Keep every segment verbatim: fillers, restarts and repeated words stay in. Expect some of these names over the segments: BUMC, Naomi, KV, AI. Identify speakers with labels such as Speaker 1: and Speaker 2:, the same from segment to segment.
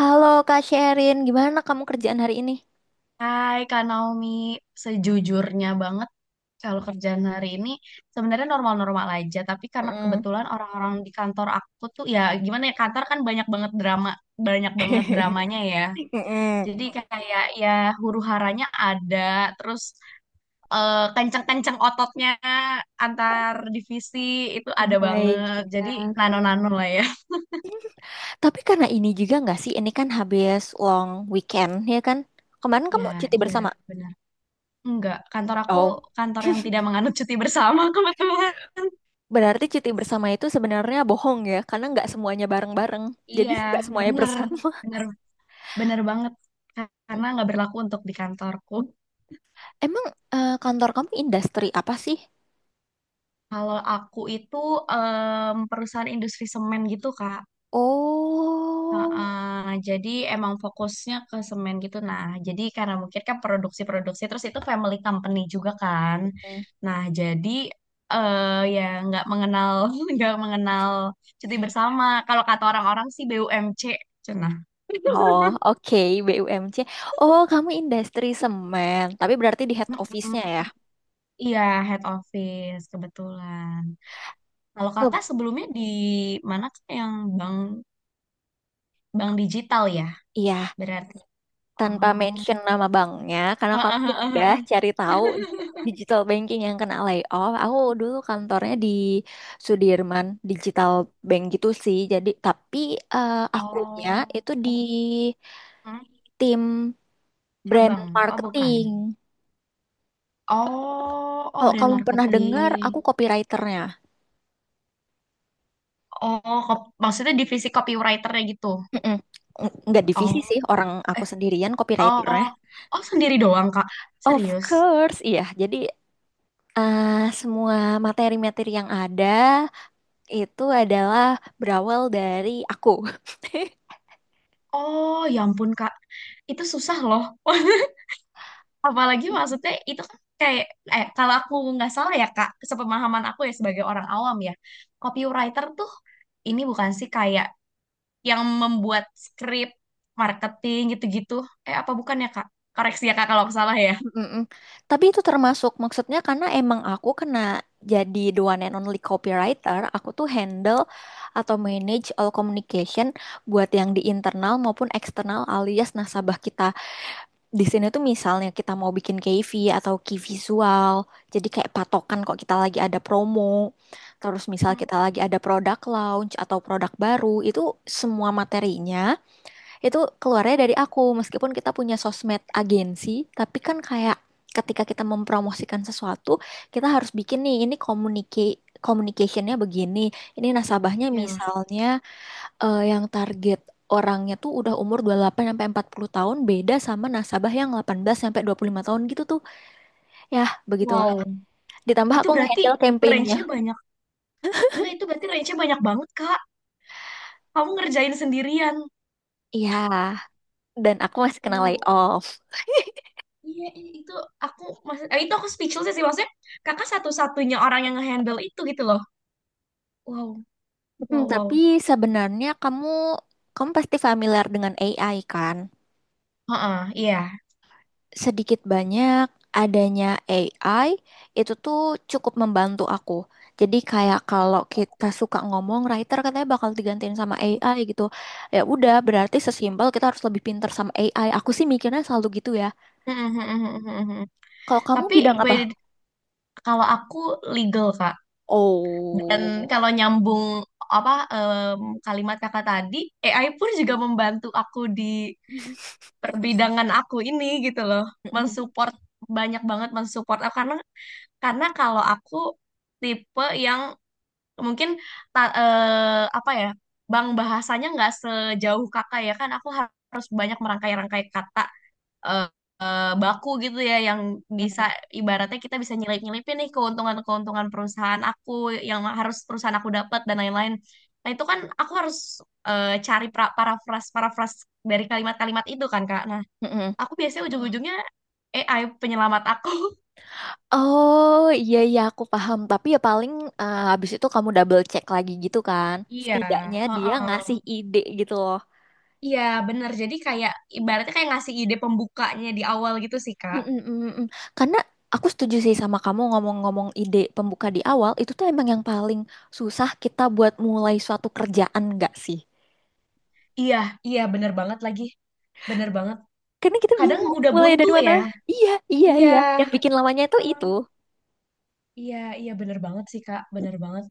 Speaker 1: Halo Kak Sherin, gimana kamu kerjaan hari ini?
Speaker 2: Hai Kak Naomi, sejujurnya banget kalau kerjaan hari ini sebenarnya normal-normal aja, tapi karena
Speaker 1: Mm.
Speaker 2: kebetulan orang-orang di kantor aku tuh ya gimana ya, kantor kan banyak banget drama, banyak banget dramanya ya.
Speaker 1: Mm-mm.
Speaker 2: Jadi kayak ya huru-haranya ada, terus eh, kenceng-kenceng ototnya antar divisi itu ada
Speaker 1: Oh,
Speaker 2: banget.
Speaker 1: baik.
Speaker 2: Jadi nano-nano lah ya.
Speaker 1: Tapi karena ini juga nggak sih, ini kan habis long weekend ya kan? Kemarin
Speaker 2: Ya,
Speaker 1: kamu cuti
Speaker 2: iya,
Speaker 1: bersama.
Speaker 2: benar. Enggak, kantor aku
Speaker 1: Oh,
Speaker 2: kantor yang tidak menganut cuti bersama kebetulan.
Speaker 1: berarti cuti bersama itu sebenarnya bohong ya, karena nggak semuanya bareng-bareng. Jadi
Speaker 2: Iya,
Speaker 1: nggak semuanya
Speaker 2: bener,
Speaker 1: bersama.
Speaker 2: bener, bener banget.
Speaker 1: Mm.
Speaker 2: Karena nggak berlaku untuk di kantorku.
Speaker 1: Emang eh, kantor kamu industri apa sih?
Speaker 2: Kalau aku itu em, perusahaan industri semen gitu, Kak.
Speaker 1: Oh.
Speaker 2: Heeh, jadi emang fokusnya ke semen gitu. Nah, jadi karena mungkin kan produksi-produksi, terus itu family company juga kan.
Speaker 1: Hmm.
Speaker 2: Nah, jadi eh ya nggak mengenal, nggak mengenal cuti bersama. Kalau kata orang-orang sih B U M C, cenah.
Speaker 1: Oh, oke, B U M C. Oh, kamu industri semen, tapi berarti di head office-nya
Speaker 2: Mm-mm.
Speaker 1: ya?
Speaker 2: Iya, head office kebetulan. Kalau kakak sebelumnya di mana tuh yang bank bank digital ya?
Speaker 1: Iya,
Speaker 2: Berarti.
Speaker 1: tanpa
Speaker 2: Oh.
Speaker 1: mention nama banknya, karena kamu udah cari tahu digital banking yang kena layoff. Aku dulu kantornya di Sudirman, digital bank gitu sih. Jadi, tapi eh, akunya
Speaker 2: Oh.
Speaker 1: itu di
Speaker 2: Hmm,
Speaker 1: tim brand
Speaker 2: cabang. Oh, bukan.
Speaker 1: marketing.
Speaker 2: Oh, oh
Speaker 1: Kalau
Speaker 2: brand
Speaker 1: kamu pernah dengar, aku
Speaker 2: marketing.
Speaker 1: copywriternya.
Speaker 2: Oh, kop- maksudnya divisi copywriter gitu.
Speaker 1: Mm-mm. N- Nggak divisi
Speaker 2: Oh.
Speaker 1: sih, orang aku
Speaker 2: Eh,
Speaker 1: sendirian copywriternya.
Speaker 2: oh. Oh, sendiri doang, Kak.
Speaker 1: Of
Speaker 2: Serius.
Speaker 1: course, iya. Jadi, eh, semua materi-materi yang ada itu adalah berawal dari aku.
Speaker 2: Oh, ya ampun, Kak. Itu susah loh. Apalagi maksudnya itu kan kayak eh kalau aku nggak salah ya Kak, sepemahaman aku ya sebagai orang awam ya, copywriter tuh ini bukan sih kayak yang membuat skrip, marketing gitu-gitu. Eh apa bukan ya Kak? Koreksi ya Kak kalau aku salah ya.
Speaker 1: Mm-mm. Tapi itu termasuk maksudnya karena emang aku kena jadi the one and only copywriter, aku tuh handle atau manage all communication buat yang di internal maupun eksternal alias nasabah kita. Di sini tuh misalnya kita mau bikin K V atau key visual, jadi kayak patokan kok kita lagi ada promo, terus misal
Speaker 2: Hmm,
Speaker 1: kita lagi ada product launch atau produk baru. Itu semua materinya itu keluarnya dari aku meskipun kita punya sosmed agensi, tapi kan kayak ketika kita mempromosikan sesuatu kita harus bikin nih ini komunike, communicationnya begini, ini nasabahnya
Speaker 2: ya.
Speaker 1: misalnya eh, yang target orangnya tuh udah umur dua puluh delapan sampai empat puluh tahun, beda sama nasabah yang delapan belas sampai dua puluh lima tahun gitu tuh. Ya, begitulah,
Speaker 2: Wow.
Speaker 1: ditambah
Speaker 2: Itu
Speaker 1: aku
Speaker 2: berarti
Speaker 1: ngehandle campaignnya.
Speaker 2: range-nya banyak. Gila itu berarti range-nya banyak banget Kak. Kamu ngerjain sendirian.
Speaker 1: Iya, dan aku masih kena
Speaker 2: Wow.
Speaker 1: layoff.
Speaker 2: Iya, iya, itu aku maksud, eh, itu aku speechless sih maksudnya kakak satu-satunya orang yang ngehandle itu gitu loh. Wow,
Speaker 1: Hmm,
Speaker 2: wow,
Speaker 1: tapi
Speaker 2: wow.
Speaker 1: sebenarnya kamu kamu pasti familiar dengan A I kan?
Speaker 2: Heeh, iya.
Speaker 1: Sedikit banyak adanya A I itu tuh cukup membantu aku. Jadi kayak kalau kita suka ngomong, writer katanya bakal digantiin sama A I gitu. Ya udah, berarti sesimpel kita harus lebih pinter sama A I. Aku sih mikirnya selalu gitu ya.
Speaker 2: Mhm, mhm, mhm, mhm, mhm.
Speaker 1: Kalau kamu
Speaker 2: Tapi
Speaker 1: bidang
Speaker 2: by
Speaker 1: apa?
Speaker 2: kalau aku legal Kak. Dan
Speaker 1: Oh.
Speaker 2: kalau nyambung apa em, kalimat Kakak tadi, A I pun juga membantu aku di perbidangan aku ini gitu loh.
Speaker 1: Mm-mm,
Speaker 2: Mensupport banyak banget mensupport aku karena karena kalau aku tipe yang mungkin ta- eh, apa ya, bang bahasanya nggak sejauh Kakak ya kan aku harus banyak merangkai-rangkai kata eh, eh, baku gitu ya yang bisa
Speaker 1: mm-mm,
Speaker 2: ibaratnya kita bisa nyelip-nyelipin nih keuntungan-keuntungan perusahaan aku yang harus perusahaan aku dapat dan lain-lain. Nah, itu kan aku harus eh, cari pra- parafras-parafras dari kalimat-kalimat itu kan, Kak. Nah,
Speaker 1: mm-mm.
Speaker 2: aku biasanya ujung-ujungnya A I penyelamat aku.
Speaker 1: Oh, iya, iya, aku paham, tapi ya paling eh, habis itu kamu double check lagi gitu kan?
Speaker 2: Iya,
Speaker 1: Setidaknya dia
Speaker 2: heeh.
Speaker 1: ngasih ide gitu loh.
Speaker 2: Iya, bener. Jadi kayak ibaratnya kayak ngasih ide pembukanya di awal gitu sih, Kak.
Speaker 1: Mm-mm, mm-mm. Karena aku setuju sih sama kamu, ngomong-ngomong ide pembuka di awal itu tuh emang yang paling susah kita buat mulai suatu kerjaan nggak sih?
Speaker 2: Iya, iya bener banget lagi. Bener banget.
Speaker 1: Karena kita
Speaker 2: Kadang
Speaker 1: bingung
Speaker 2: udah
Speaker 1: mulai
Speaker 2: buntu
Speaker 1: dari mana.
Speaker 2: ya.
Speaker 1: Iya, iya,
Speaker 2: Iya.
Speaker 1: iya. Yang bikin lamanya itu itu.
Speaker 2: Iya, iya bener banget sih Kak, bener banget.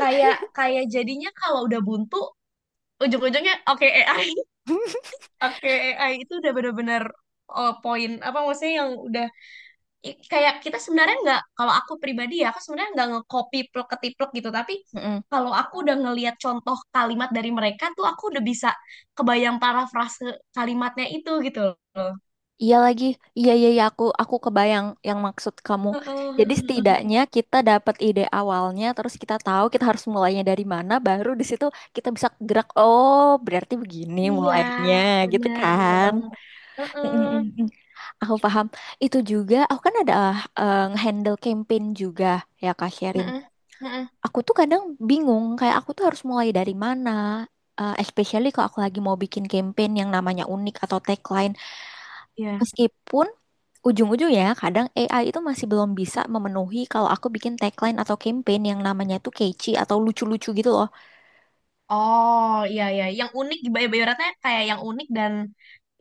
Speaker 2: Kayak kayak jadinya kalau udah buntu, ujung-ujungnya oke A I, oke A I itu udah bener-bener eh, poin apa maksudnya yang udah i- kayak kita sebenarnya nggak kalau aku pribadi ya aku sebenarnya nggak nge-copy plek-ketiplek gitu tapi
Speaker 1: Mm-mm.
Speaker 2: kalau aku udah ngelihat contoh kalimat dari mereka tuh aku udah bisa kebayang parafrase kalimatnya itu gitu loh.
Speaker 1: Iya lagi, iya, iya, iya, aku aku kebayang yang maksud kamu.
Speaker 2: Heeh, heeh,
Speaker 1: Jadi
Speaker 2: heeh.
Speaker 1: setidaknya kita dapat ide awalnya, terus kita tahu kita harus mulainya dari mana, baru di situ kita bisa gerak. Oh, berarti begini
Speaker 2: Iya,
Speaker 1: mulainya, gitu
Speaker 2: bener bener
Speaker 1: kan?
Speaker 2: banget. Heeh,
Speaker 1: Mm-mm-mm. Aku paham. Itu juga, aku kan ada eh, nge-handle campaign juga ya Kak Sherin.
Speaker 2: heeh, heeh.
Speaker 1: Aku tuh kadang bingung, kayak aku tuh harus mulai dari mana. Eh, especially kalau aku lagi mau bikin campaign yang namanya unik atau tagline.
Speaker 2: Ya.
Speaker 1: Meskipun ujung-ujungnya kadang A I itu masih belum bisa memenuhi kalau aku bikin tagline atau campaign yang namanya tuh catchy atau lucu-lucu gitu loh.
Speaker 2: Oh iya iya, yang unik di Bayu Bayu kayak yang unik dan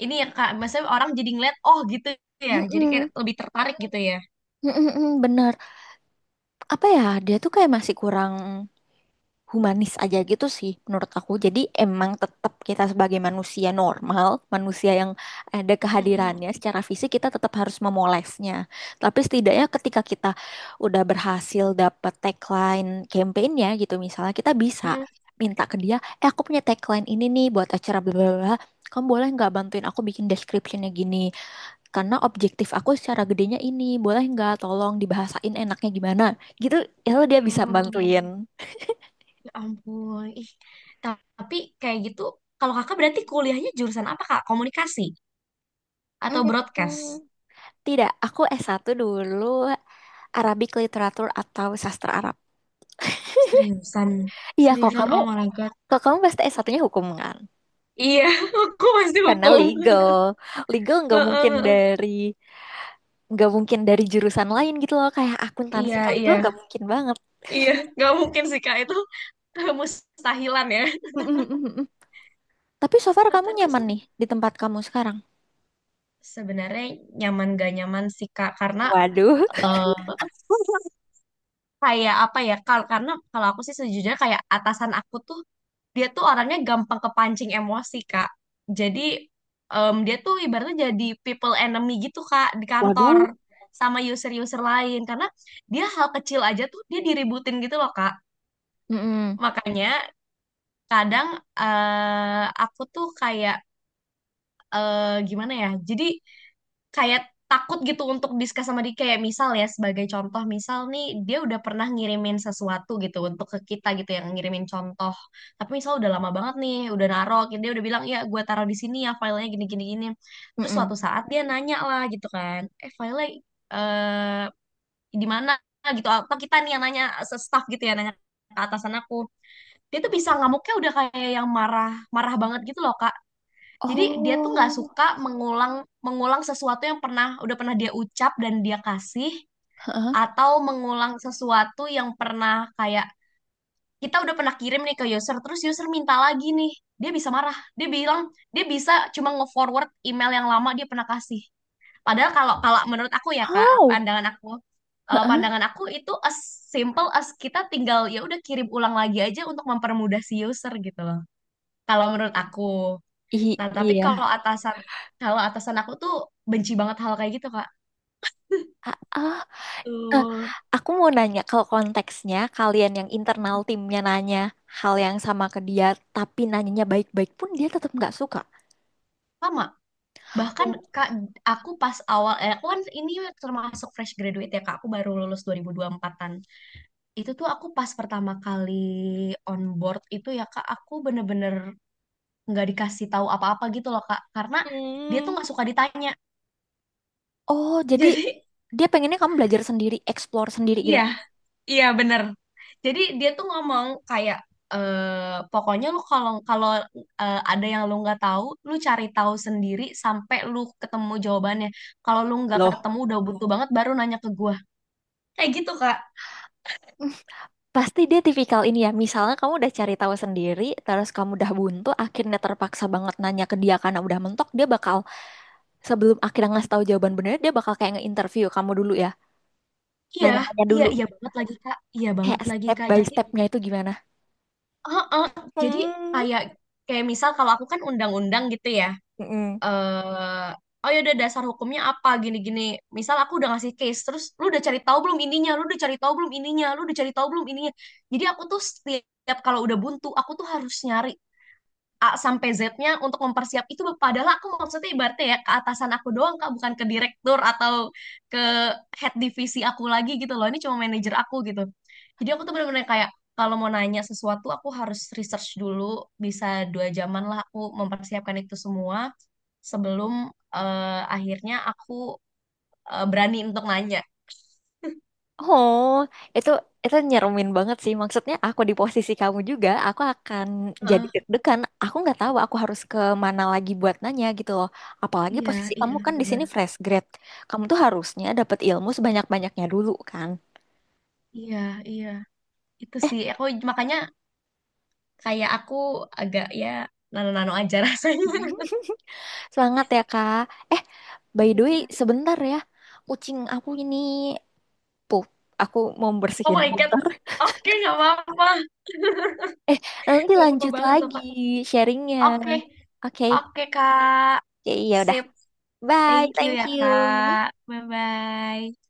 Speaker 2: ini ya kak, maksudnya orang jadi ngeliat oh gitu ya, jadi kayak
Speaker 1: Mm-mm.
Speaker 2: lebih tertarik gitu ya.
Speaker 1: Mm-mm-mm, bener. Apa ya, dia tuh kayak masih kurang humanis aja gitu sih menurut aku. Jadi emang tetap kita sebagai manusia normal, manusia yang ada
Speaker 2: Mhm.
Speaker 1: kehadirannya secara fisik kita tetap harus memolesnya. Tapi setidaknya ketika kita udah berhasil dapat tagline campaignnya gitu misalnya kita bisa
Speaker 2: Mhm.
Speaker 1: minta ke dia, eh, aku punya tagline ini nih buat acara bla bla bla. Kamu boleh nggak bantuin aku bikin descriptionnya gini? Karena objektif aku secara gedenya ini, boleh nggak tolong dibahasain enaknya gimana? Gitu, ya dia bisa
Speaker 2: Mhm.
Speaker 1: bantuin.
Speaker 2: Ya ampun, ih tapi kayak gitu kalau kakak berarti kuliahnya jurusan apa kak? Komunikasi atau
Speaker 1: Hmm.
Speaker 2: broadcast?
Speaker 1: Tidak, aku s satu dulu Arabic Literature atau Sastra Arab.
Speaker 2: Seriusan,
Speaker 1: Iya, kalau
Speaker 2: seriusan
Speaker 1: kamu
Speaker 2: oh my god.
Speaker 1: kalau kamu pasti es satunya hukum kan?
Speaker 2: Iya, aku pasti
Speaker 1: Karena
Speaker 2: hukum.
Speaker 1: legal. Legal nggak
Speaker 2: Heeh,
Speaker 1: mungkin
Speaker 2: heeh.
Speaker 1: dari nggak mungkin dari jurusan lain gitu loh, kayak akuntansi
Speaker 2: Iya,
Speaker 1: ke
Speaker 2: iya,
Speaker 1: legal, nggak mungkin banget.
Speaker 2: iya. Nggak mungkin sih, Kak. Itu mustahilan ya.
Speaker 1: Mm-mm-mm-mm. Tapi so far kamu
Speaker 2: Kakak tuh
Speaker 1: nyaman nih di tempat kamu sekarang.
Speaker 2: sebenarnya nyaman gak nyaman sih Kak karena
Speaker 1: Waduh.
Speaker 2: eh, kayak apa ya kal karena kalau aku sih sejujurnya kayak atasan aku tuh dia tuh orangnya gampang kepancing emosi Kak. Jadi em, dia tuh ibaratnya jadi people enemy gitu Kak di kantor
Speaker 1: Waduh.
Speaker 2: sama user-user lain karena dia hal kecil aja tuh dia diributin gitu loh Kak.
Speaker 1: Mm-mm,
Speaker 2: Makanya kadang eh, aku tuh kayak eh, gimana ya? Jadi kayak takut gitu untuk discuss sama dia kayak misal ya sebagai contoh misal nih dia udah pernah ngirimin sesuatu gitu untuk ke kita gitu yang ngirimin contoh tapi misal udah lama banget nih udah naruh dia udah bilang ya gue taruh di sini ya filenya gini gini gini terus
Speaker 1: mm-mm.
Speaker 2: suatu saat dia nanya lah gitu kan eh filenya eh di mana gitu atau kita nih yang nanya se- staff gitu ya nanya ke atasan aku dia tuh bisa ngamuknya udah kayak yang marah marah banget gitu loh kak jadi dia tuh nggak
Speaker 1: Oh.
Speaker 2: suka mengulang mengulang sesuatu yang pernah udah pernah dia ucap dan dia kasih
Speaker 1: Heeh.
Speaker 2: atau mengulang sesuatu yang pernah kayak kita udah pernah kirim nih ke user terus user minta lagi nih. Dia bisa marah. Dia bilang dia bisa cuma nge-forward email yang lama dia pernah kasih. Padahal kalau kalau menurut aku ya Kak,
Speaker 1: How?
Speaker 2: pandangan aku, kalau
Speaker 1: Heeh.
Speaker 2: pandangan aku itu as simple as kita tinggal ya udah kirim ulang lagi aja untuk mempermudah si user gitu loh. Kalau menurut aku.
Speaker 1: I-
Speaker 2: Nah, tapi kalau
Speaker 1: iya.
Speaker 2: atasan kalau atasan aku tuh benci banget hal kayak gitu, Kak.
Speaker 1: Ah, ah. Eh,
Speaker 2: Betul.
Speaker 1: Aku mau nanya kalau konteksnya kalian yang internal timnya nanya hal yang sama ke dia tapi nanyanya baik-baik pun dia tetap nggak suka.
Speaker 2: Sama. Bahkan
Speaker 1: Oh.
Speaker 2: Kak, aku pas awal eh, aku kan ini termasuk fresh graduate ya, Kak. Aku baru lulus dua ribu dua puluh empatan-an. Itu tuh aku pas pertama kali on board itu ya, Kak, aku bener-bener nggak dikasih tahu apa-apa gitu loh, Kak. Karena dia tuh
Speaker 1: Hmm.
Speaker 2: nggak suka ditanya.
Speaker 1: Oh, jadi
Speaker 2: Jadi
Speaker 1: dia pengennya kamu belajar sendiri, explore sendiri gitu.
Speaker 2: iya, iya bener. Jadi dia tuh ngomong kayak eh pokoknya lu kalau kalau eh, ada yang lu nggak tahu, lu cari tahu sendiri sampai lu ketemu jawabannya. Kalau lu nggak
Speaker 1: Loh.
Speaker 2: ketemu udah butuh banget baru nanya ke gua. Kayak gitu Kak.
Speaker 1: Pasti dia tipikal ini ya. Misalnya kamu udah cari tahu sendiri, terus kamu udah buntu, akhirnya terpaksa banget nanya ke dia karena udah mentok, dia bakal sebelum akhirnya ngasih tahu jawaban benernya, dia bakal kayak nge-interview kamu dulu ya.
Speaker 2: Iya,
Speaker 1: Nanya-nanya
Speaker 2: iya,
Speaker 1: dulu,
Speaker 2: iya banget lagi Kak. Iya banget
Speaker 1: kayak
Speaker 2: lagi
Speaker 1: step
Speaker 2: Kak.
Speaker 1: by
Speaker 2: Jadi,
Speaker 1: stepnya itu gimana.
Speaker 2: heeh, jadi
Speaker 1: Hmm.
Speaker 2: kayak kayak misal kalau aku kan undang-undang gitu ya.
Speaker 1: Mm-mm.
Speaker 2: eh oh ya udah dasar hukumnya apa gini-gini. Misal aku udah ngasih case, terus lu udah cari tahu belum ininya, lu udah cari tahu belum ininya, lu udah cari tahu belum ininya. Jadi aku tuh setiap kalau udah buntu, aku tuh harus nyari A sampai Z-nya untuk mempersiap itu padahal aku maksudnya ibaratnya ya ke atasan aku doang Kak bukan ke direktur atau ke head divisi aku lagi gitu loh ini cuma manajer aku gitu jadi aku tuh bener-bener kayak kalau mau nanya sesuatu aku harus research dulu bisa dua jaman lah aku mempersiapkan itu semua sebelum eh, akhirnya aku eh, berani untuk nanya.
Speaker 1: Oh, itu itu nyeremin banget sih. Maksudnya aku di posisi kamu juga, aku akan jadi
Speaker 2: Heeh,
Speaker 1: deg-degan. Aku nggak tahu aku harus ke mana lagi buat nanya gitu loh. Apalagi
Speaker 2: iya,
Speaker 1: posisi
Speaker 2: iya,
Speaker 1: kamu kan di
Speaker 2: benar.
Speaker 1: sini fresh grad. Kamu tuh harusnya dapat ilmu sebanyak-banyaknya dulu kan.
Speaker 2: Iya, iya. Itu
Speaker 1: Eh,
Speaker 2: sih, aku makanya kayak aku agak ya nano-nano aja rasanya.
Speaker 1: Semangat ya, Kak. Eh, by the
Speaker 2: Iya,
Speaker 1: way,
Speaker 2: Kak.
Speaker 1: sebentar ya. Kucing aku ini pup. Aku mau
Speaker 2: Oh
Speaker 1: bersihin.
Speaker 2: my God.
Speaker 1: Bentar.
Speaker 2: Oke, nggak apa-apa.
Speaker 1: Eh, nanti
Speaker 2: Nggak apa-apa
Speaker 1: lanjut
Speaker 2: banget loh,
Speaker 1: lagi
Speaker 2: Kak.
Speaker 1: sharingnya.
Speaker 2: Oke,
Speaker 1: Oke,
Speaker 2: oke, Kak.
Speaker 1: ya ya udah.
Speaker 2: Sip.
Speaker 1: Bye,
Speaker 2: Thank you
Speaker 1: thank
Speaker 2: ya,
Speaker 1: you.
Speaker 2: Kak. Bye-bye.